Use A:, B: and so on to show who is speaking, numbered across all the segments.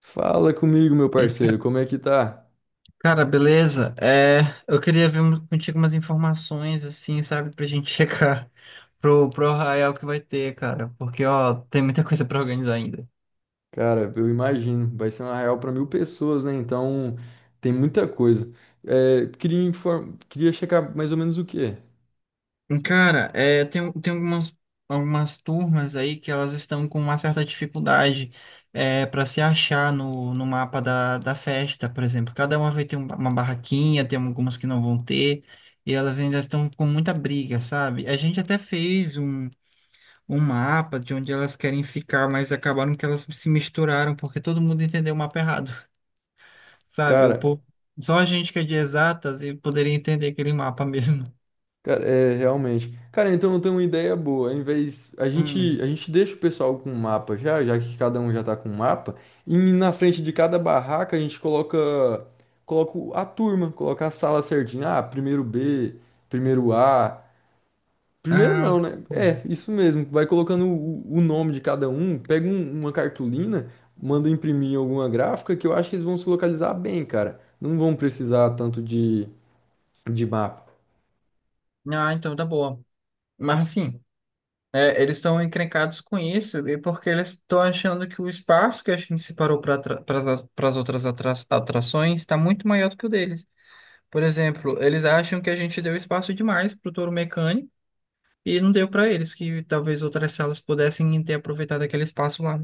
A: Fala comigo, meu
B: Ei,
A: parceiro, como é que tá?
B: cara, beleza? Eu queria ver contigo umas informações, assim, sabe, pra gente checar pro Arraial que vai ter, cara, porque, ó, tem muita coisa pra organizar ainda.
A: Cara, eu imagino, vai ser uma real para 1.000 pessoas, né? Então tem muita coisa. É, queria checar mais ou menos o quê?
B: Cara, tem algumas, algumas turmas aí que elas estão com uma certa dificuldade para se achar no mapa da festa, por exemplo. Cada uma vai ter uma barraquinha, tem algumas que não vão ter, e elas ainda estão com muita briga, sabe? A gente até fez um mapa de onde elas querem ficar, mas acabaram que elas se misturaram porque todo mundo entendeu o mapa errado, sabe? O
A: Cara,
B: povo, só a gente que é de exatas e poderia entender aquele mapa mesmo.
A: cara, é realmente. Cara, então eu tenho uma ideia boa. Ao invés a gente a
B: Hum.
A: gente deixa o pessoal com um mapa já, já que cada um já tá com um mapa, e na frente de cada barraca a gente coloca a turma, coloca a sala certinha. Ah, primeiro B, primeiro A. Primeiro
B: Ah,
A: não, né? É,
B: hum.
A: isso mesmo. Vai colocando o nome de cada um, pega uma cartolina, manda imprimir em alguma gráfica que eu acho que eles vão se localizar bem, cara. Não vão precisar tanto de mapa.
B: Ah, então tá boa. Mas assim, é, eles estão encrencados com isso e porque eles estão achando que o espaço que a gente separou para as outras atrações está muito maior do que o deles. Por exemplo, eles acham que a gente deu espaço demais para o touro mecânico. E não deu para eles, que talvez outras salas pudessem ter aproveitado aquele espaço lá,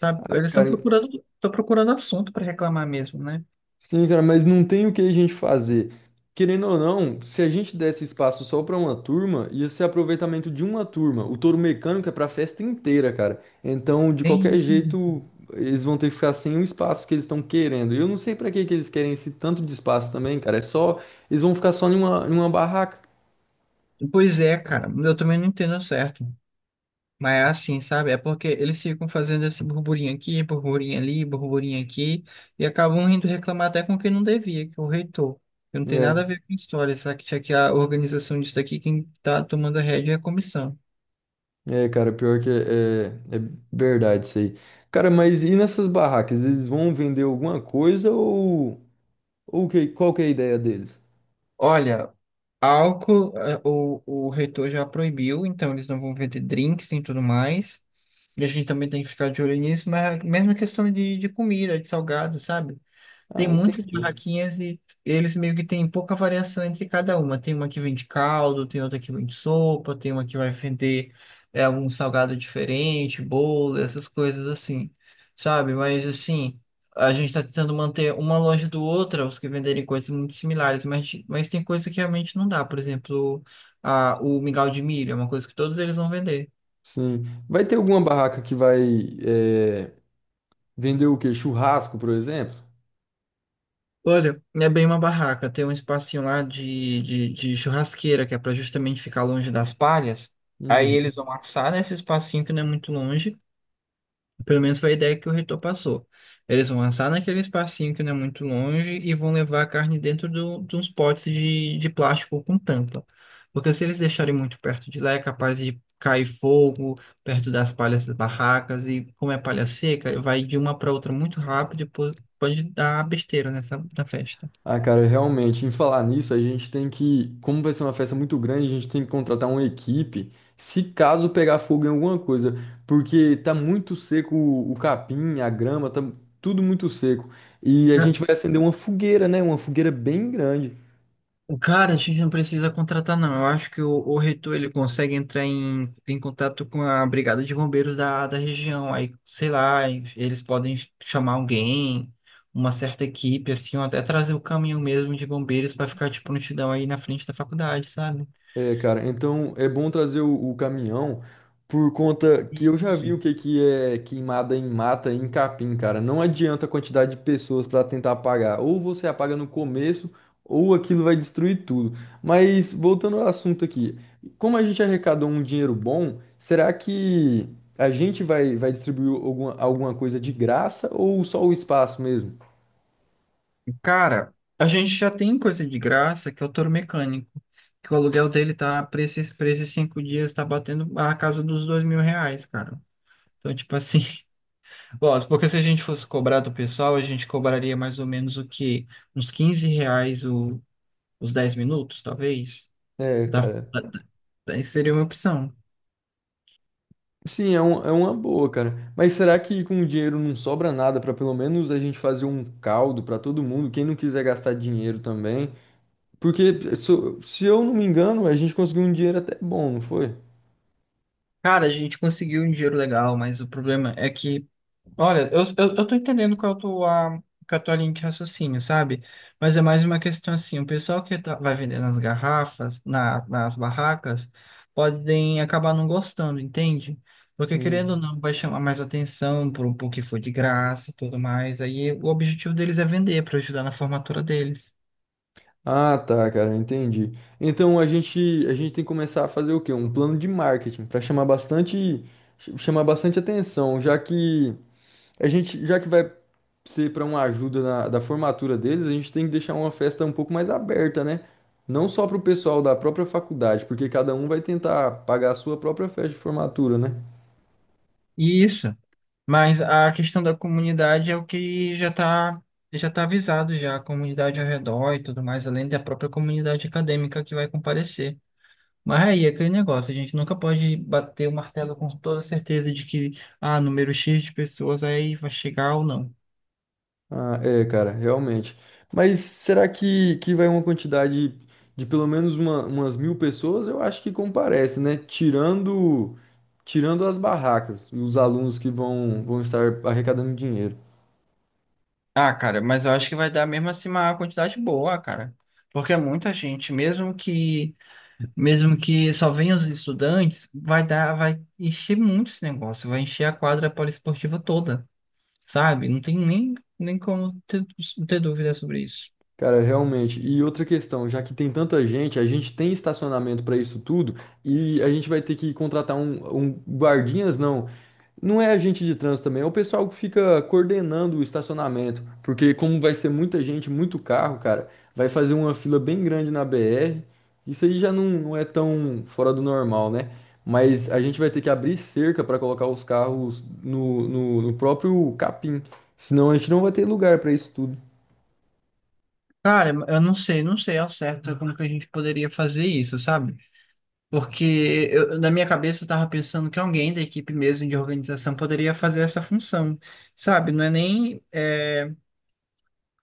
B: sabe?
A: Ah, cara.
B: Estão procurando assunto para reclamar mesmo, né?
A: Sim, cara, mas não tem o que a gente fazer. Querendo ou não, se a gente desse espaço só para uma turma, ia ser aproveitamento de uma turma. O touro mecânico é para a festa inteira, cara. Então, de
B: Tem
A: qualquer
B: isso mesmo.
A: jeito, eles vão ter que ficar sem o espaço que eles estão querendo. E eu não sei para que que eles querem esse tanto de espaço também, cara. É só, eles vão ficar só em uma barraca.
B: Pois é, cara, eu também não entendo certo. Mas é assim, sabe? É porque eles ficam fazendo esse burburinho aqui, burburinho ali, burburinho aqui, e acabam indo reclamar até com quem não devia, que é o reitor. Que não tem nada a
A: Né.
B: ver com história, sabe? Já que a organização disso daqui, quem tá tomando a rédea é a comissão.
A: É, cara, pior que é, é verdade isso aí. Cara, mas e nessas barracas? Eles vão vender alguma coisa ou que, qual que é a ideia deles?
B: Olha, álcool, o reitor já proibiu, então eles não vão vender drinks e tudo mais. E a gente também tem que ficar de olho nisso, mas é a mesma questão de comida, de salgado, sabe? Tem
A: Ah,
B: muitas
A: entendi.
B: barraquinhas e eles meio que têm pouca variação entre cada uma. Tem uma que vende caldo, tem outra que vende sopa, tem uma que vai vender algum salgado diferente, bolo, essas coisas assim, sabe? Mas assim, a gente está tentando manter uma longe do outra, os que venderem coisas muito similares, mas tem coisa que realmente não dá. Por exemplo, o mingau de milho é uma coisa que todos eles vão vender.
A: Sim. Vai ter alguma barraca que vai é, vender o quê? Churrasco, por exemplo?
B: Olha, é bem uma barraca. Tem um espacinho lá de churrasqueira, que é para justamente ficar longe das palhas. Aí
A: Uhum.
B: eles vão assar nesse espacinho, que não é muito longe. Pelo menos foi a ideia que o reitor passou. Eles vão assar naquele espacinho, que não é muito longe, e vão levar a carne dentro de uns potes de plástico com tampa. Porque se eles deixarem muito perto de lá, é capaz de cair fogo perto das palhas das barracas. E como é palha seca, vai de uma para outra muito rápido e pode dar besteira nessa na festa.
A: Ah, cara, realmente, em falar nisso, a gente tem que, como vai ser uma festa muito grande, a gente tem que contratar uma equipe, se caso pegar fogo em alguma coisa, porque tá muito seco o capim, a grama, tá tudo muito seco. E a
B: Ca-
A: gente vai acender uma fogueira, né? Uma fogueira bem grande.
B: Cara, a gente não precisa contratar, não. Eu acho que o reitor, ele consegue entrar em contato com a brigada de bombeiros da região. Aí, sei lá, eles podem chamar alguém, uma certa equipe, assim, ou até trazer o caminhão mesmo de bombeiros para ficar de prontidão aí na frente da faculdade, sabe?
A: É, cara, então é bom trazer o caminhão por conta que
B: E,
A: eu já vi o que que é queimada em mata e em capim, cara. Não adianta a quantidade de pessoas para tentar apagar. Ou você apaga no começo, ou aquilo vai destruir tudo. Mas voltando ao assunto aqui, como a gente arrecadou um dinheiro bom, será que a gente vai distribuir alguma coisa de graça ou só o espaço mesmo?
B: cara, a gente já tem coisa de graça, que é o touro mecânico. Que o aluguel dele tá, para esses 5 dias, tá batendo a casa dos R$ 2.000, cara. Então, tipo assim. Gosto, porque se a gente fosse cobrar do pessoal, a gente cobraria mais ou menos o quê? Uns 15 reais os 10 minutos, talvez?
A: É,
B: Da,
A: cara.
B: da- seria uma opção.
A: Sim, é uma boa, cara. Mas será que com o dinheiro não sobra nada para pelo menos a gente fazer um caldo para todo mundo, quem não quiser gastar dinheiro também? Porque, se eu não me engano, a gente conseguiu um dinheiro até bom, não foi?
B: Cara, a gente conseguiu um dinheiro legal, mas o problema é que olha, eu tô entendendo qual é a qual é a tua linha de raciocínio, sabe? Mas é mais uma questão assim, o pessoal que vai vender nas garrafas, nas barracas, podem acabar não gostando, entende? Porque querendo ou
A: Sim.
B: não, vai chamar mais atenção pro, pro que for de graça e tudo mais. Aí o objetivo deles é vender para ajudar na formatura deles.
A: Ah, tá, cara, entendi. Então a gente tem que começar a fazer o quê? Um plano de marketing para chamar bastante, chamar bastante atenção, já que já que vai ser para uma ajuda na, da formatura deles, a gente tem que deixar uma festa um pouco mais aberta, né? Não só para o pessoal da própria faculdade, porque cada um vai tentar pagar a sua própria festa de formatura, né?
B: Isso. Mas a questão da comunidade é o que já tá avisado já, a comunidade ao redor e tudo mais, além da própria comunidade acadêmica que vai comparecer. Mas aí é aquele negócio, a gente nunca pode bater o martelo com toda certeza de que, ah, número X de pessoas aí vai chegar ou não.
A: Ah, é, cara, realmente. Mas será que vai uma quantidade de pelo menos umas 1.000 pessoas? Eu acho que comparece, né? Tirando as barracas e os alunos que vão estar arrecadando dinheiro.
B: Ah, cara, mas eu acho que vai dar mesmo assim uma quantidade boa, cara. Porque é muita gente, mesmo que só venham os estudantes, vai dar, vai encher muito esse negócio, vai encher a quadra poliesportiva toda, sabe? Não tem nem como ter dúvida sobre isso.
A: Cara, realmente. E outra questão, já que tem tanta gente, a gente tem estacionamento para isso tudo e a gente vai ter que contratar um guardinhas, não. Não é agente de trânsito também, é o pessoal que fica coordenando o estacionamento, porque como vai ser muita gente, muito carro, cara, vai fazer uma fila bem grande na BR. Isso aí já não é tão fora do normal, né? Mas a gente vai ter que abrir cerca para colocar os carros no próprio capim, senão a gente não vai ter lugar para isso tudo.
B: Cara, eu não sei, não sei ao certo como que a gente poderia fazer isso, sabe? Porque na minha cabeça eu estava pensando que alguém da equipe mesmo de organização poderia fazer essa função, sabe? Não é nem é,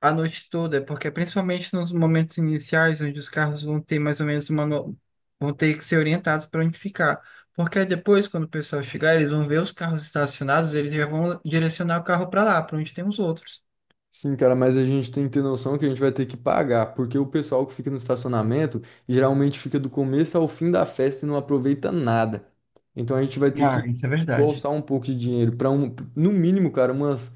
B: a noite toda, é porque principalmente nos momentos iniciais, onde os carros vão ter mais ou menos uma. No- vão ter que ser orientados para onde ficar. Porque aí depois, quando o pessoal chegar, eles vão ver os carros estacionados, eles já vão direcionar o carro para lá, para onde tem os outros.
A: Sim, cara, mas a gente tem que ter noção que a gente vai ter que pagar, porque o pessoal que fica no estacionamento geralmente fica do começo ao fim da festa e não aproveita nada. Então a gente vai ter que
B: Ah, isso é verdade.
A: bolsar um pouco de dinheiro para um, no mínimo, cara, umas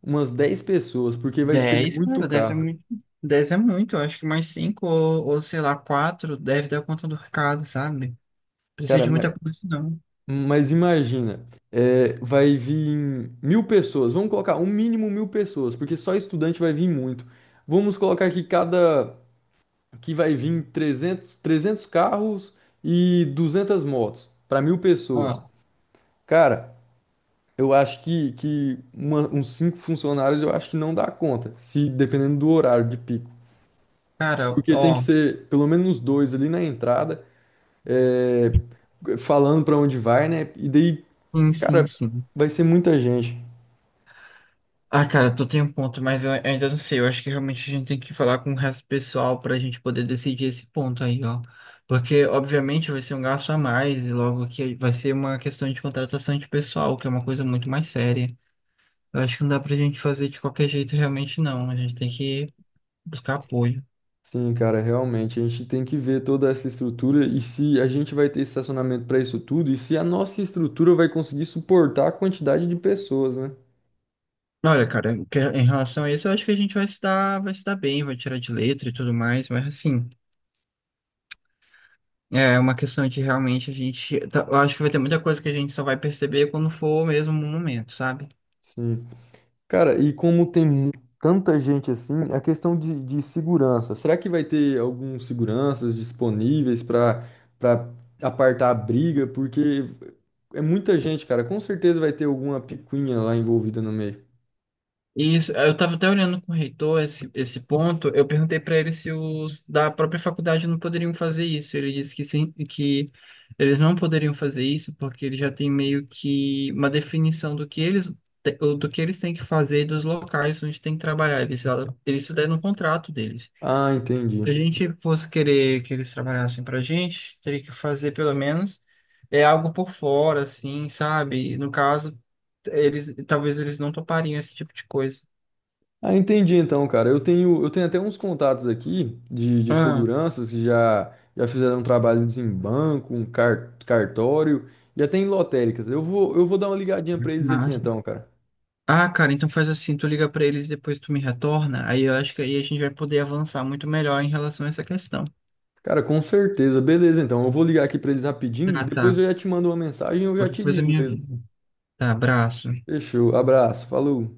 A: umas 10 pessoas, porque vai ser
B: 10,
A: muito
B: cara, 10 é
A: caro.
B: muito. 10 é muito, eu acho que mais 5 ou sei lá, 4 deve dar conta do recado, sabe? Precisa
A: Cara,
B: de
A: mas,
B: muita coisa, não.
A: mas imagina, é, vai vir 1.000 pessoas, vamos colocar um mínimo 1.000 pessoas, porque só estudante vai vir muito. Vamos colocar que cada que vai vir trezentos carros e 200 motos para 1.000 pessoas.
B: Ó,
A: Cara, eu acho que uns cinco funcionários eu acho que não dá conta, se dependendo do horário de pico.
B: cara,
A: Porque tem que
B: ó.
A: ser pelo menos uns dois ali na entrada, é, falando para onde vai, né? E daí,
B: Sim, sim,
A: cara,
B: sim.
A: vai ser muita gente.
B: Ah, cara, tu tem um ponto, mas eu ainda não sei. Eu acho que realmente a gente tem que falar com o resto do pessoal para a gente poder decidir esse ponto aí, ó. Porque, obviamente, vai ser um gasto a mais, e logo que vai ser uma questão de contratação de pessoal, que é uma coisa muito mais séria. Eu acho que não dá pra gente fazer de qualquer jeito, realmente, não. A gente tem que buscar apoio.
A: Sim, cara, realmente a gente tem que ver toda essa estrutura e se a gente vai ter estacionamento para isso tudo e se a nossa estrutura vai conseguir suportar a quantidade de pessoas, né?
B: Olha, cara, em relação a isso, eu acho que a gente vai se dar bem, vai tirar de letra e tudo mais, mas assim. É é uma questão de realmente a gente. Eu acho que vai ter muita coisa que a gente só vai perceber quando for mesmo no momento, sabe?
A: Sim. Cara, e como tem tanta gente assim, a questão de segurança, será que vai ter alguns seguranças disponíveis para para apartar a briga? Porque é muita gente, cara, com certeza vai ter alguma picuinha lá envolvida no meio.
B: E isso, eu estava até olhando com o reitor esse ponto. Eu perguntei para ele se os da própria faculdade não poderiam fazer isso. Ele disse que sim, que eles não poderiam fazer isso porque ele já tem meio que uma definição do que eles do que eles têm que fazer e dos locais onde têm que trabalhar. Eles isso daí no contrato deles.
A: Ah, entendi.
B: Se a gente fosse querer que eles trabalhassem pra gente, teria que fazer pelo menos algo por fora, assim, sabe? No caso, eles não topariam esse tipo de coisa.
A: Ah, entendi então, cara. Eu tenho até uns contatos aqui de
B: Ah,
A: seguranças que já fizeram trabalhos em banco, um cartório e até em lotéricas. Eu vou dar uma ligadinha pra eles aqui
B: massa.
A: então, cara.
B: Ah, cara, então faz assim, tu liga pra eles e depois tu me retorna. Aí eu acho que aí a gente vai poder avançar muito melhor em relação a essa questão.
A: Cara, com certeza. Beleza, então. Eu vou ligar aqui pra eles rapidinho,
B: Ah,
A: depois
B: tá.
A: eu já te mando uma mensagem, ou eu já
B: Qualquer
A: te
B: coisa
A: ligo
B: me
A: mesmo.
B: avisa. Tá, abraço.
A: Fechou. Abraço. Falou.